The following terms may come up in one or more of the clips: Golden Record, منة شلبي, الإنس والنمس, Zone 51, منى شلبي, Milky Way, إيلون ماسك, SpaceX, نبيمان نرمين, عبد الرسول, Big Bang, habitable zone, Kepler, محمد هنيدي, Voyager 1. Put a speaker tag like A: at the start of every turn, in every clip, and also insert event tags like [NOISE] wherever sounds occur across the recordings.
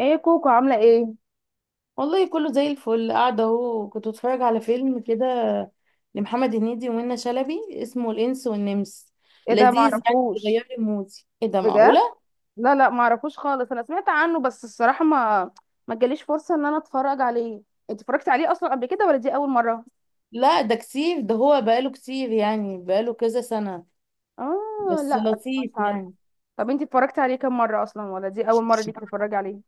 A: ايه كوكو، عامله ايه؟
B: والله كله زي الفل قاعدة اهو، كنت بتفرج على فيلم كده لمحمد هنيدي ومنى شلبي اسمه الإنس والنمس.
A: ايه ده؟
B: لذيذ يعني بيغير
A: معرفوش؟
B: لي مودي. ايه ده معقولة؟
A: بجد؟ لا لا، معرفوش خالص. انا سمعت عنه بس الصراحه ما جاليش فرصه ان انا اتفرج عليه. انت اتفرجتي عليه اصلا قبل كده ولا دي اول مره؟
B: لا ده كتير، ده هو بقاله كتير يعني بقاله كذا سنة،
A: اه،
B: بس
A: لا مش
B: لطيف
A: عارف.
B: يعني.
A: طب انت اتفرجتي عليه كام مره اصلا، ولا دي اول مره ليك تتفرجي عليه؟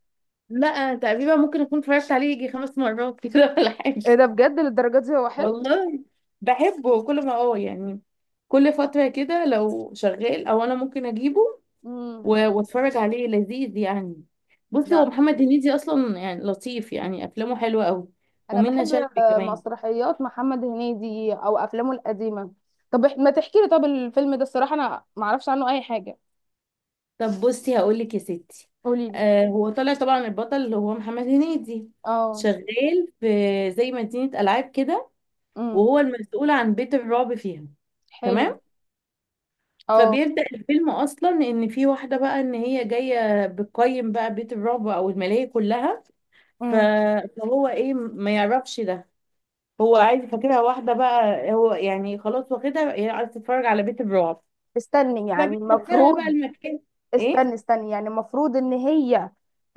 B: لا أنا تقريبا ممكن اكون اتفرجت عليه يجي 5 مرات [LAUGHS] كده ولا حاجة.
A: ايه ده؟ بجد للدرجه دي هو حلو؟
B: والله بحبه كل ما يعني كل فترة كده لو شغال او انا ممكن اجيبه
A: امم.
B: و- واتفرج عليه، لذيذ يعني. بصي، هو
A: لا،
B: محمد هنيدي اصلا يعني لطيف، يعني افلامه حلوه قوي.
A: انا
B: ومنة
A: بحب.
B: شلبي
A: آه،
B: كمان.
A: مسرحيات محمد هنيدي او افلامه القديمه. طب ما تحكي لي؟ طب الفيلم ده الصراحه انا ما اعرفش عنه اي حاجه.
B: طب بصي هقول لك يا ستي.
A: قولي لي.
B: هو طالع طبعا البطل اللي هو محمد هنيدي،
A: اه.
B: شغال في زي مدينه العاب كده،
A: امم.
B: وهو المسؤول عن بيت الرعب فيها.
A: حلو.
B: تمام.
A: اه.
B: فبيبدأ الفيلم اصلا ان في واحده بقى، ان هي جايه بتقيم بقى بيت الرعب او الملاهي كلها. ف-
A: امم.
B: فهو ايه ما يعرفش ده، هو عايز فاكرها واحدة بقى، هو يعني خلاص واخدها، هي عايزة تتفرج على بيت الرعب،
A: استني، يعني
B: فبتدخلها بقى
A: المفروض.
B: المكان.
A: استني
B: ايه،
A: استني، يعني المفروض ان هي.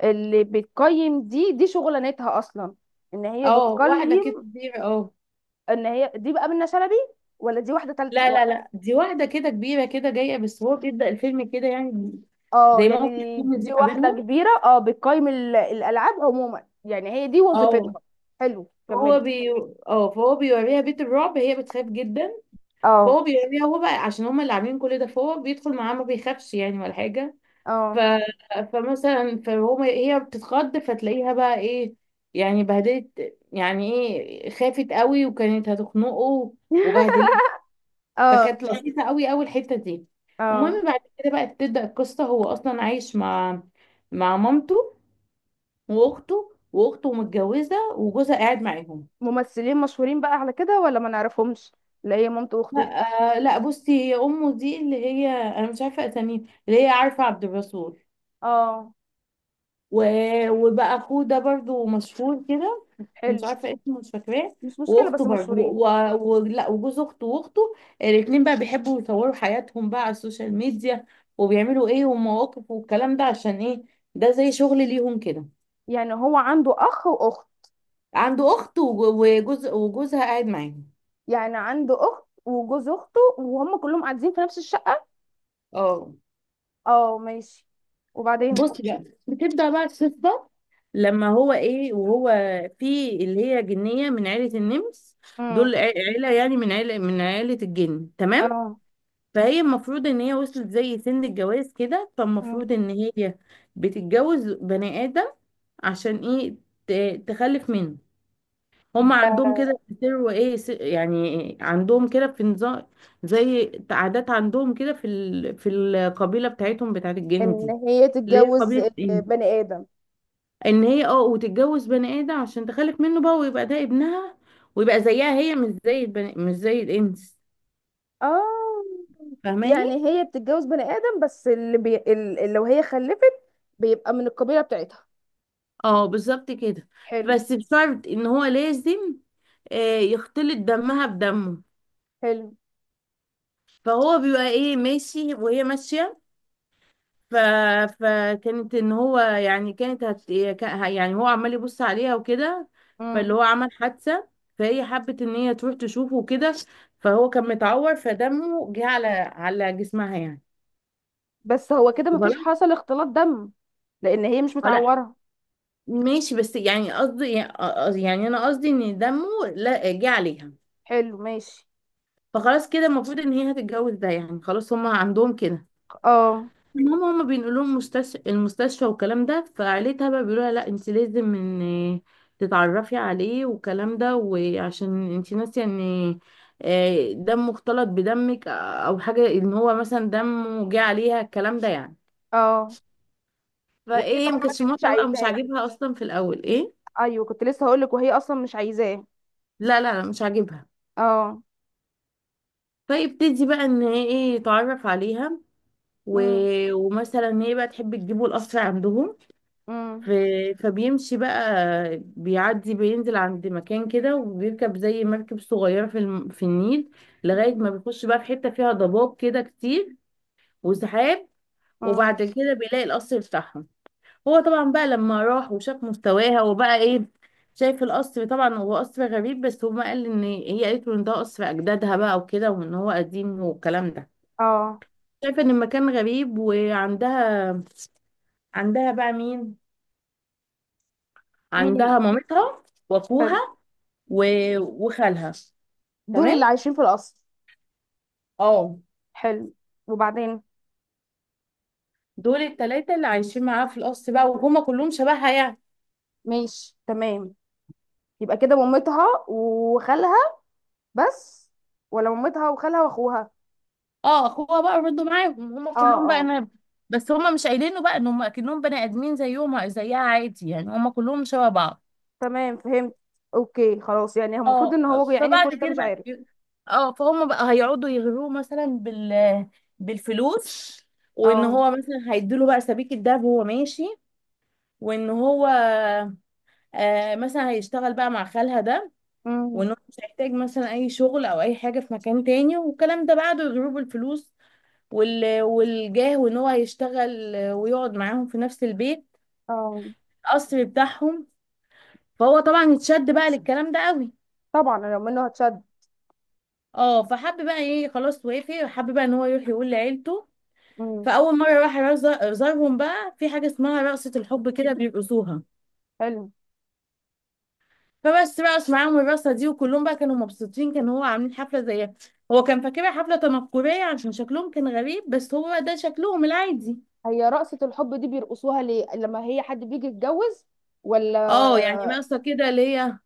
A: اللي بتقيم دي شغلانتها اصلا. ان هي
B: اه واحدة كده
A: بتقيم.
B: كبيرة، اه.
A: ان هي دي بقى منة شلبي؟ ولا دي واحده تالت؟
B: لا لا لا دي واحدة كده كبيرة كده جاية، بس هو بيبدأ الفيلم كده يعني.
A: اه،
B: زي ما هو في
A: يعني
B: الفيلم
A: دي
B: دي ما
A: واحده
B: بينهم.
A: كبيره، اه، بتقيم الالعاب عموما، يعني هي دي
B: اه.
A: وظيفتها. حلو،
B: فهو
A: كملي.
B: بي اه فهو بيوريها بيت الرعب، هي بتخاف جدا.
A: اه.
B: فهو بيوريها، هو بقى عشان هما اللي عاملين كل ده، فهو بيدخل معاه ما بيخافش يعني ولا حاجة. ف...
A: اه.
B: فمثلا فهو، هي بتتخض، فتلاقيها بقى ايه، يعني بهدلت، يعني ايه، خافت قوي وكانت هتخنقه
A: [LAUGHS]
B: وبهدلت.
A: اه.
B: فكانت لطيفة قوي قوي الحتة دي.
A: اه.
B: المهم بعد كده بقى تبدأ القصة. هو أصلا عايش مع مامته وأخته، وأخته متجوزة وجوزها قاعد معاهم.
A: ممثلين مشهورين بقى على كده ولا ما نعرفهمش؟ اللي هي مامته واخته.
B: لا آه لا، بصي هي أمه دي اللي هي أنا مش عارفة أساميها، اللي هي عارفة عبد الرسول.
A: اه.
B: و... وبقى أخوه ده برضو مشهور كده، مش
A: حلو.
B: عارفه اسمه، مش فاكراه.
A: مش مشكله،
B: واخته
A: بس
B: برضه
A: مشهورين.
B: لا، وجوز اخته واخته الاتنين بقى بيحبوا يصوروا حياتهم بقى على السوشيال ميديا، وبيعملوا ايه ومواقف والكلام ده، عشان ايه؟ ده زي شغل ليهم كده.
A: يعني هو عنده اخ واخت؟
B: عنده اخت وجوز، وجوزها قاعد معاهم.
A: يعني عنده اخت وجوز اخته، وهم كلهم قاعدين في نفس الشقة؟
B: اه.
A: اه ماشي. وبعدين؟
B: بص بقى بتبدأ بقى القصة لما هو ايه، وهو في اللي هي جنية من عيلة النمس.
A: امم.
B: دول عيلة يعني، من عيلة، من عيلة الجن. تمام.
A: اه.
B: فهي المفروض ان هي وصلت زي سن الجواز كده،
A: مم.
B: فالمفروض ان هي بتتجوز بني ادم. عشان ايه؟ تخلف منه. هم عندهم
A: آه،
B: كده بيسروا ايه، يعني عندهم كده في نظام، زي عادات عندهم كده في في القبيله بتاعتهم، بتاعت الجن
A: ان
B: دي
A: هي
B: اللي هي
A: تتجوز
B: قبيله ايه،
A: بني ادم.
B: ان هي، اه، وتتجوز بني ادم عشان تخلف منه بقى ويبقى ده ابنها، ويبقى زيها هي مش زي مش زي الانس.
A: اه،
B: فاهماني.
A: يعني هي بتتجوز بني ادم بس اللي لو هي خلفت بيبقى من القبيله بتاعتها.
B: اه، بالظبط كده.
A: حلو.
B: بس بشرط ان هو لازم يختلط دمها بدمه.
A: حلو.
B: فهو بيبقى ايه ماشي، وهي ماشية. ف... فكانت ان هو يعني يعني هو عمال يبص عليها وكده، فاللي
A: امم.
B: هو عمل حادثة. فهي حبت ان هي تروح تشوفه وكده، فهو كان متعور، فدمه جه على جسمها يعني.
A: بس هو كده مفيش
B: غلط.
A: حصل اختلاط دم. لان هي مش
B: لا
A: متعوره.
B: ماشي، بس يعني قصدي يعني، يعني انا قصدي ان دمه، لا، جه عليها.
A: حلو ماشي.
B: فخلاص كده المفروض ان هي هتتجوز ده يعني خلاص، هما عندهم كده.
A: اه.
B: المهم هما بينقلوا لهم مستشفى المستشفى والكلام ده، فعيلتها بقى بيقولوا لها لا انت لازم ان تتعرفي عليه والكلام ده، وعشان انت ناسيه ان دم مختلط بدمك او حاجه، ان هو مثلا دمه جه عليها الكلام ده يعني.
A: اه، وهي
B: فايه،
A: طبعا
B: ما
A: ما
B: كانتش
A: كانتش
B: موافقه بقى، مش
A: عايزاه.
B: عاجبها اصلا في الاول ايه.
A: ايوه، كنت لسه هقولك وهي اصلا مش عايزاه.
B: لا لا لا مش عاجبها.
A: اه.
B: فيبتدي بقى ان هي ايه يتعرف عليها، و...
A: امم.
B: ومثلا ان هي بقى تحب تجيبه القصر عندهم. ف-
A: امم.
B: فبيمشي بقى، بيعدي بينزل عند مكان كده، وبيركب زي مركب صغيرة في في النيل، لغاية ما بيخش بقى في حتة فيها ضباب كده كتير وسحاب.
A: امم.
B: وبعد كده بيلاقي القصر بتاعهم. هو طبعا بقى لما راح وشاف مستواها وبقى ايه شايف القصر، طبعا هو قصر غريب، بس هو قال ان هي قالت له ان ده قصر اجدادها بقى وكده، وان هو قديم والكلام ده،
A: اه.
B: شايفه ان المكان غريب. عندها بقى مين؟
A: مين؟
B: عندها مامتها واخوها
A: حلو.
B: و... وخالها.
A: دول اللي
B: تمام،
A: عايشين في القصر؟
B: اه.
A: حلو. وبعدين؟
B: دول التلاتة اللي عايشين معاها في القصر بقى، وهما كلهم شبهها يعني.
A: ماشي تمام. يبقى كده مامتها وخالها؟ بس؟ ولا مامتها وخالها واخوها؟
B: اه، اخوها بقى برضه معاهم، هما
A: اه،
B: كلهم بقى
A: اه.
B: انا. بس هما مش قايلينه بقى ان هما اكنهم بني ادمين زيهم زيها عادي يعني، هما كلهم شبه بعض.
A: تمام فهمت. اوكي خلاص، يعني هو المفروض
B: اه،
A: ان هو يعني كل
B: فبعد
A: ده
B: كده
A: مش
B: بقى،
A: عارف.
B: اه، فهم بقى هيقعدوا يغروه مثلا بالفلوس، وان
A: اه.
B: هو مثلا هيديله بقى سبيك الدهب وهو ماشي، وان هو مثلا هيشتغل بقى مع خالها ده،
A: امم.
B: وان هو مش هيحتاج مثلا اي شغل او اي حاجه في مكان تاني والكلام ده بعد ضروب الفلوس والجاه، وان هو هيشتغل ويقعد معاهم في نفس البيت،
A: اه.
B: القصر بتاعهم. فهو طبعا اتشد بقى للكلام ده قوي.
A: طبعا لو منه هتشد.
B: اه، فحب بقى ايه خلاص، وافق، حب بقى ان هو يروح يقول لعيلته.
A: امم.
B: فاول مره راح يزارهم بقى، في حاجه اسمها رقصه الحب كده بيرقصوها.
A: حلو.
B: فبس بقى معاهم الرقصه دي، وكلهم بقى كانوا مبسوطين، كان هو عاملين حفله زيها، هو كان فاكرها حفله تنكريه عشان شكلهم كان غريب، بس هو بقى ده شكلهم العادي.
A: هي رقصة الحب دي بيرقصوها ليه لما هي حد بيجي يتجوز؟ ولا؟
B: اه، يعني رقصه كده اللي هي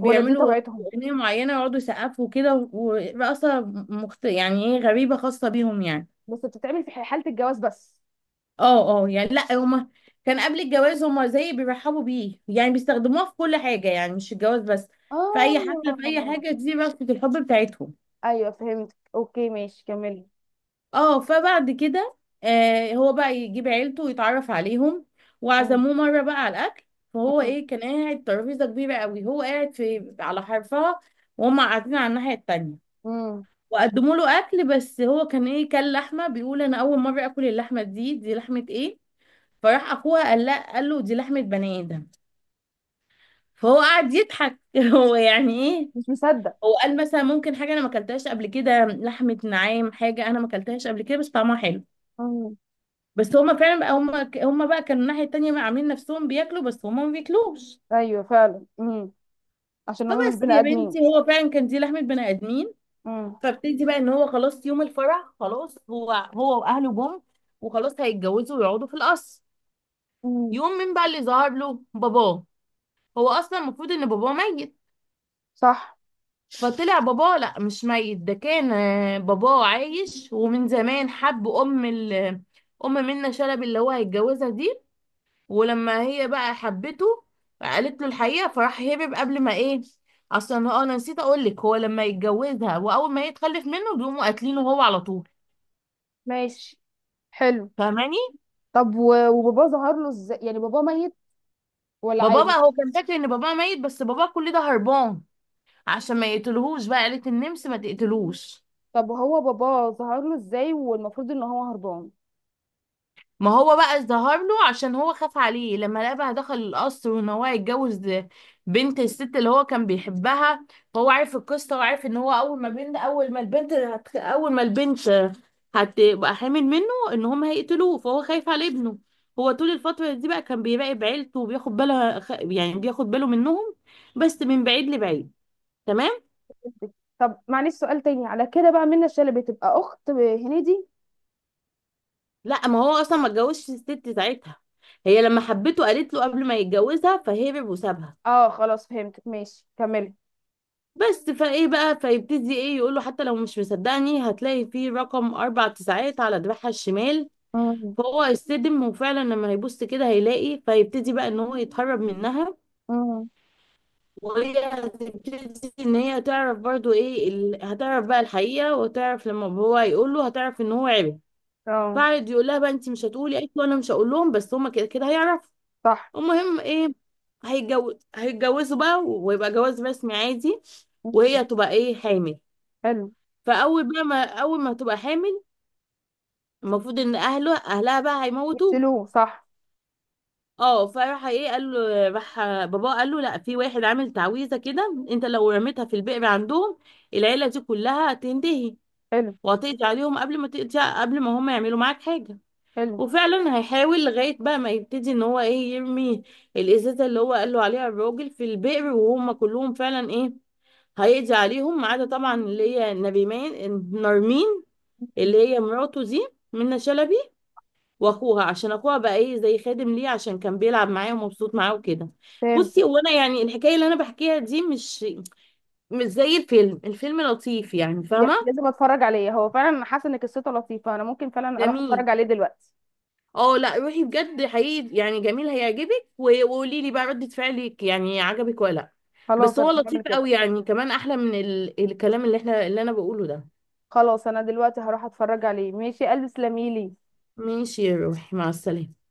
A: ولا دي طبيعتهم؟
B: اغنيه معينه، يقعدوا يسقفوا كده ورقصه يعني ايه، غريبه خاصه بيهم يعني.
A: بس بتتعمل في حالة الجواز بس؟
B: اه اه، يعني لا هما كان قبل الجواز هما زي بيرحبوا بيه يعني، بيستخدموها في كل حاجه يعني مش الجواز بس. في اي حفله، في اي
A: اه.
B: حاجه، دي رقصه الحب بتاعتهم.
A: ايوه فهمت، اوكي ماشي، كملي.
B: اه، فبعد كده هو بقى يجيب عيلته ويتعرف عليهم.
A: مم.
B: وعزموه مرة بقى على الأكل. فهو
A: مم.
B: ايه، كان قاعد ترابيزة كبيرة قوي، هو قاعد في على حرفها، وهم قاعدين على الناحية التانية.
A: مم.
B: وقدموا له أكل، بس هو كان ايه، كان لحمة، بيقول أنا أول مرة آكل اللحمة دي، دي لحمة ايه؟ فراح أخوها قال، لا، قال له دي لحمة بني آدم. فهو قعد يضحك [LAUGHS] هو يعني ايه،
A: مش مصدق.
B: هو قال مثلا ممكن حاجة أنا ما أكلتهاش قبل كده لحمة نعام، حاجة أنا ما أكلتهاش قبل كده بس طعمها حلو.
A: مم.
B: بس هما فعلا بقى هما بقى كانوا الناحية التانية بقى عاملين نفسهم بياكلوا، بس هما ما بياكلوش.
A: ايوه فعلا. مم. عشان هم مش
B: فبس
A: بني
B: يا
A: ادمين.
B: بنتي هو فعلا كان دي لحمة بني آدمين.
A: مم.
B: فابتدي بقى ان هو خلاص يوم الفرح، خلاص هو واهله جم، وخلاص هيتجوزوا ويقعدوا في القصر.
A: مم.
B: يوم مين بقى اللي ظهر له باباه؟ هو اصلا المفروض ان باباه ميت.
A: صح.
B: فطلع باباه لا، مش ميت، ده كان باباه عايش، ومن زمان حب ام ام منة شلبي اللي هو هيتجوزها دي. ولما هي بقى حبته قالت له الحقيقه، فراح هرب قبل ما ايه، اصلا هو، انا نسيت اقول لك، هو لما يتجوزها واول ما يتخلف منه بيقوموا قاتلينه هو على طول.
A: ماشي. حلو.
B: فاهماني.
A: طب وباباه ظهر له ازاي، يعني باباه ميت ولا
B: بابا
A: عايش؟
B: بقى هو كان فاكر ان بابا ميت، بس بابا كل ده هربان، عشان ما يقتلهوش بقى قالت النمس ما تقتلوش.
A: طب هو باباه ظهر له ازاي والمفروض ان هو هربان؟
B: ما هو بقى ظهر له عشان هو خاف عليه، لما لقى بقى دخل القصر وان هو هيتجوز بنت الست اللي هو كان بيحبها، فهو عارف القصه، وعارف ان هو اول ما بنت، اول ما البنت اول ما البنت هتبقى حامل منه، ان هم هيقتلوه، فهو خايف على ابنه. هو طول الفتره دي بقى كان بيراقب عيلته، وبياخد باله يعني بياخد باله منهم، بس من بعيد لبعيد. تمام.
A: طب معلش، سؤال تاني على كده بقى، منى الشلبي تبقى اخت هنيدي؟
B: لا ما هو اصلا ما اتجوزش الست ساعتها، هي لما حبته قالت له قبل ما يتجوزها فهرب وسابها.
A: اه خلاص فهمتك، ماشي كملي.
B: بس فايه بقى، فيبتدي ايه يقول له حتى لو مش مصدقني هتلاقي فيه رقم 9999 على دراعها الشمال.
A: مم.
B: فهو يصدم وفعلا لما هيبص كده هيلاقي، فيبتدي بقى ان هو يتهرب منها.
A: مم.
B: وهي هتبتدي ان هي تعرف برضو ايه هتعرف بقى الحقيقة، وتعرف لما هو هيقول له، هتعرف ان هو عرف.
A: اه،
B: فقعد يقول لها بقى، انت مش هتقولي؟ قالت له انا مش هقول لهم، بس هما كده كده هيعرفوا.
A: صح.
B: المهم ايه، هيتجوزوا بقى ويبقى جواز رسمي عادي،
A: مم.
B: وهي تبقى ايه حامل.
A: حلو.
B: فاول بقى ما، اول ما هتبقى حامل، المفروض ان اهلها بقى هيموتوه.
A: يقتلوه، صح.
B: اه، فراح ايه قال له، راح باباه قال له لا، في واحد عامل تعويذه كده، انت لو رميتها في البئر عندهم العيله دي كلها هتنتهي،
A: حلو.
B: وهتقضي عليهم قبل ما تقضي، قبل ما هم يعملوا معاك حاجه.
A: حلو.
B: وفعلا هيحاول، لغايه بقى ما يبتدي ان هو ايه يرمي الازازه اللي هو قال له عليها الراجل في البئر، وهم كلهم فعلا ايه هيقضي عليهم، ما عدا طبعا اللي هي نرمين
A: مم.
B: اللي هي مراته دي منى شلبي، واخوها، عشان اخوها بقى ايه زي خادم ليه، عشان كان بيلعب معاه ومبسوط معاه وكده. بصي
A: فهمتك.
B: هو انا يعني الحكايه اللي انا بحكيها دي مش زي الفيلم، الفيلم لطيف يعني،
A: يعني
B: فاهمه.
A: لازم اتفرج عليه، هو فعلا حاسه ان قصته لطيفه، انا ممكن فعلا اروح اتفرج
B: جميل.
A: عليه دلوقتي.
B: اه لا، روحي بجد حقيقي يعني جميل هيعجبك، و- وقولي لي بقى ردة فعلك، يعني عجبك ولا لا.
A: خلاص،
B: بس
A: انا
B: هو
A: هعمل
B: لطيف
A: كده.
B: قوي يعني، كمان احلى من الكلام اللي احنا، اللي انا بقوله ده.
A: خلاص، انا دلوقتي هروح اتفرج عليه. ماشي يا قلبي، تسلميلي.
B: ماشي يا روحي، مع السلامه.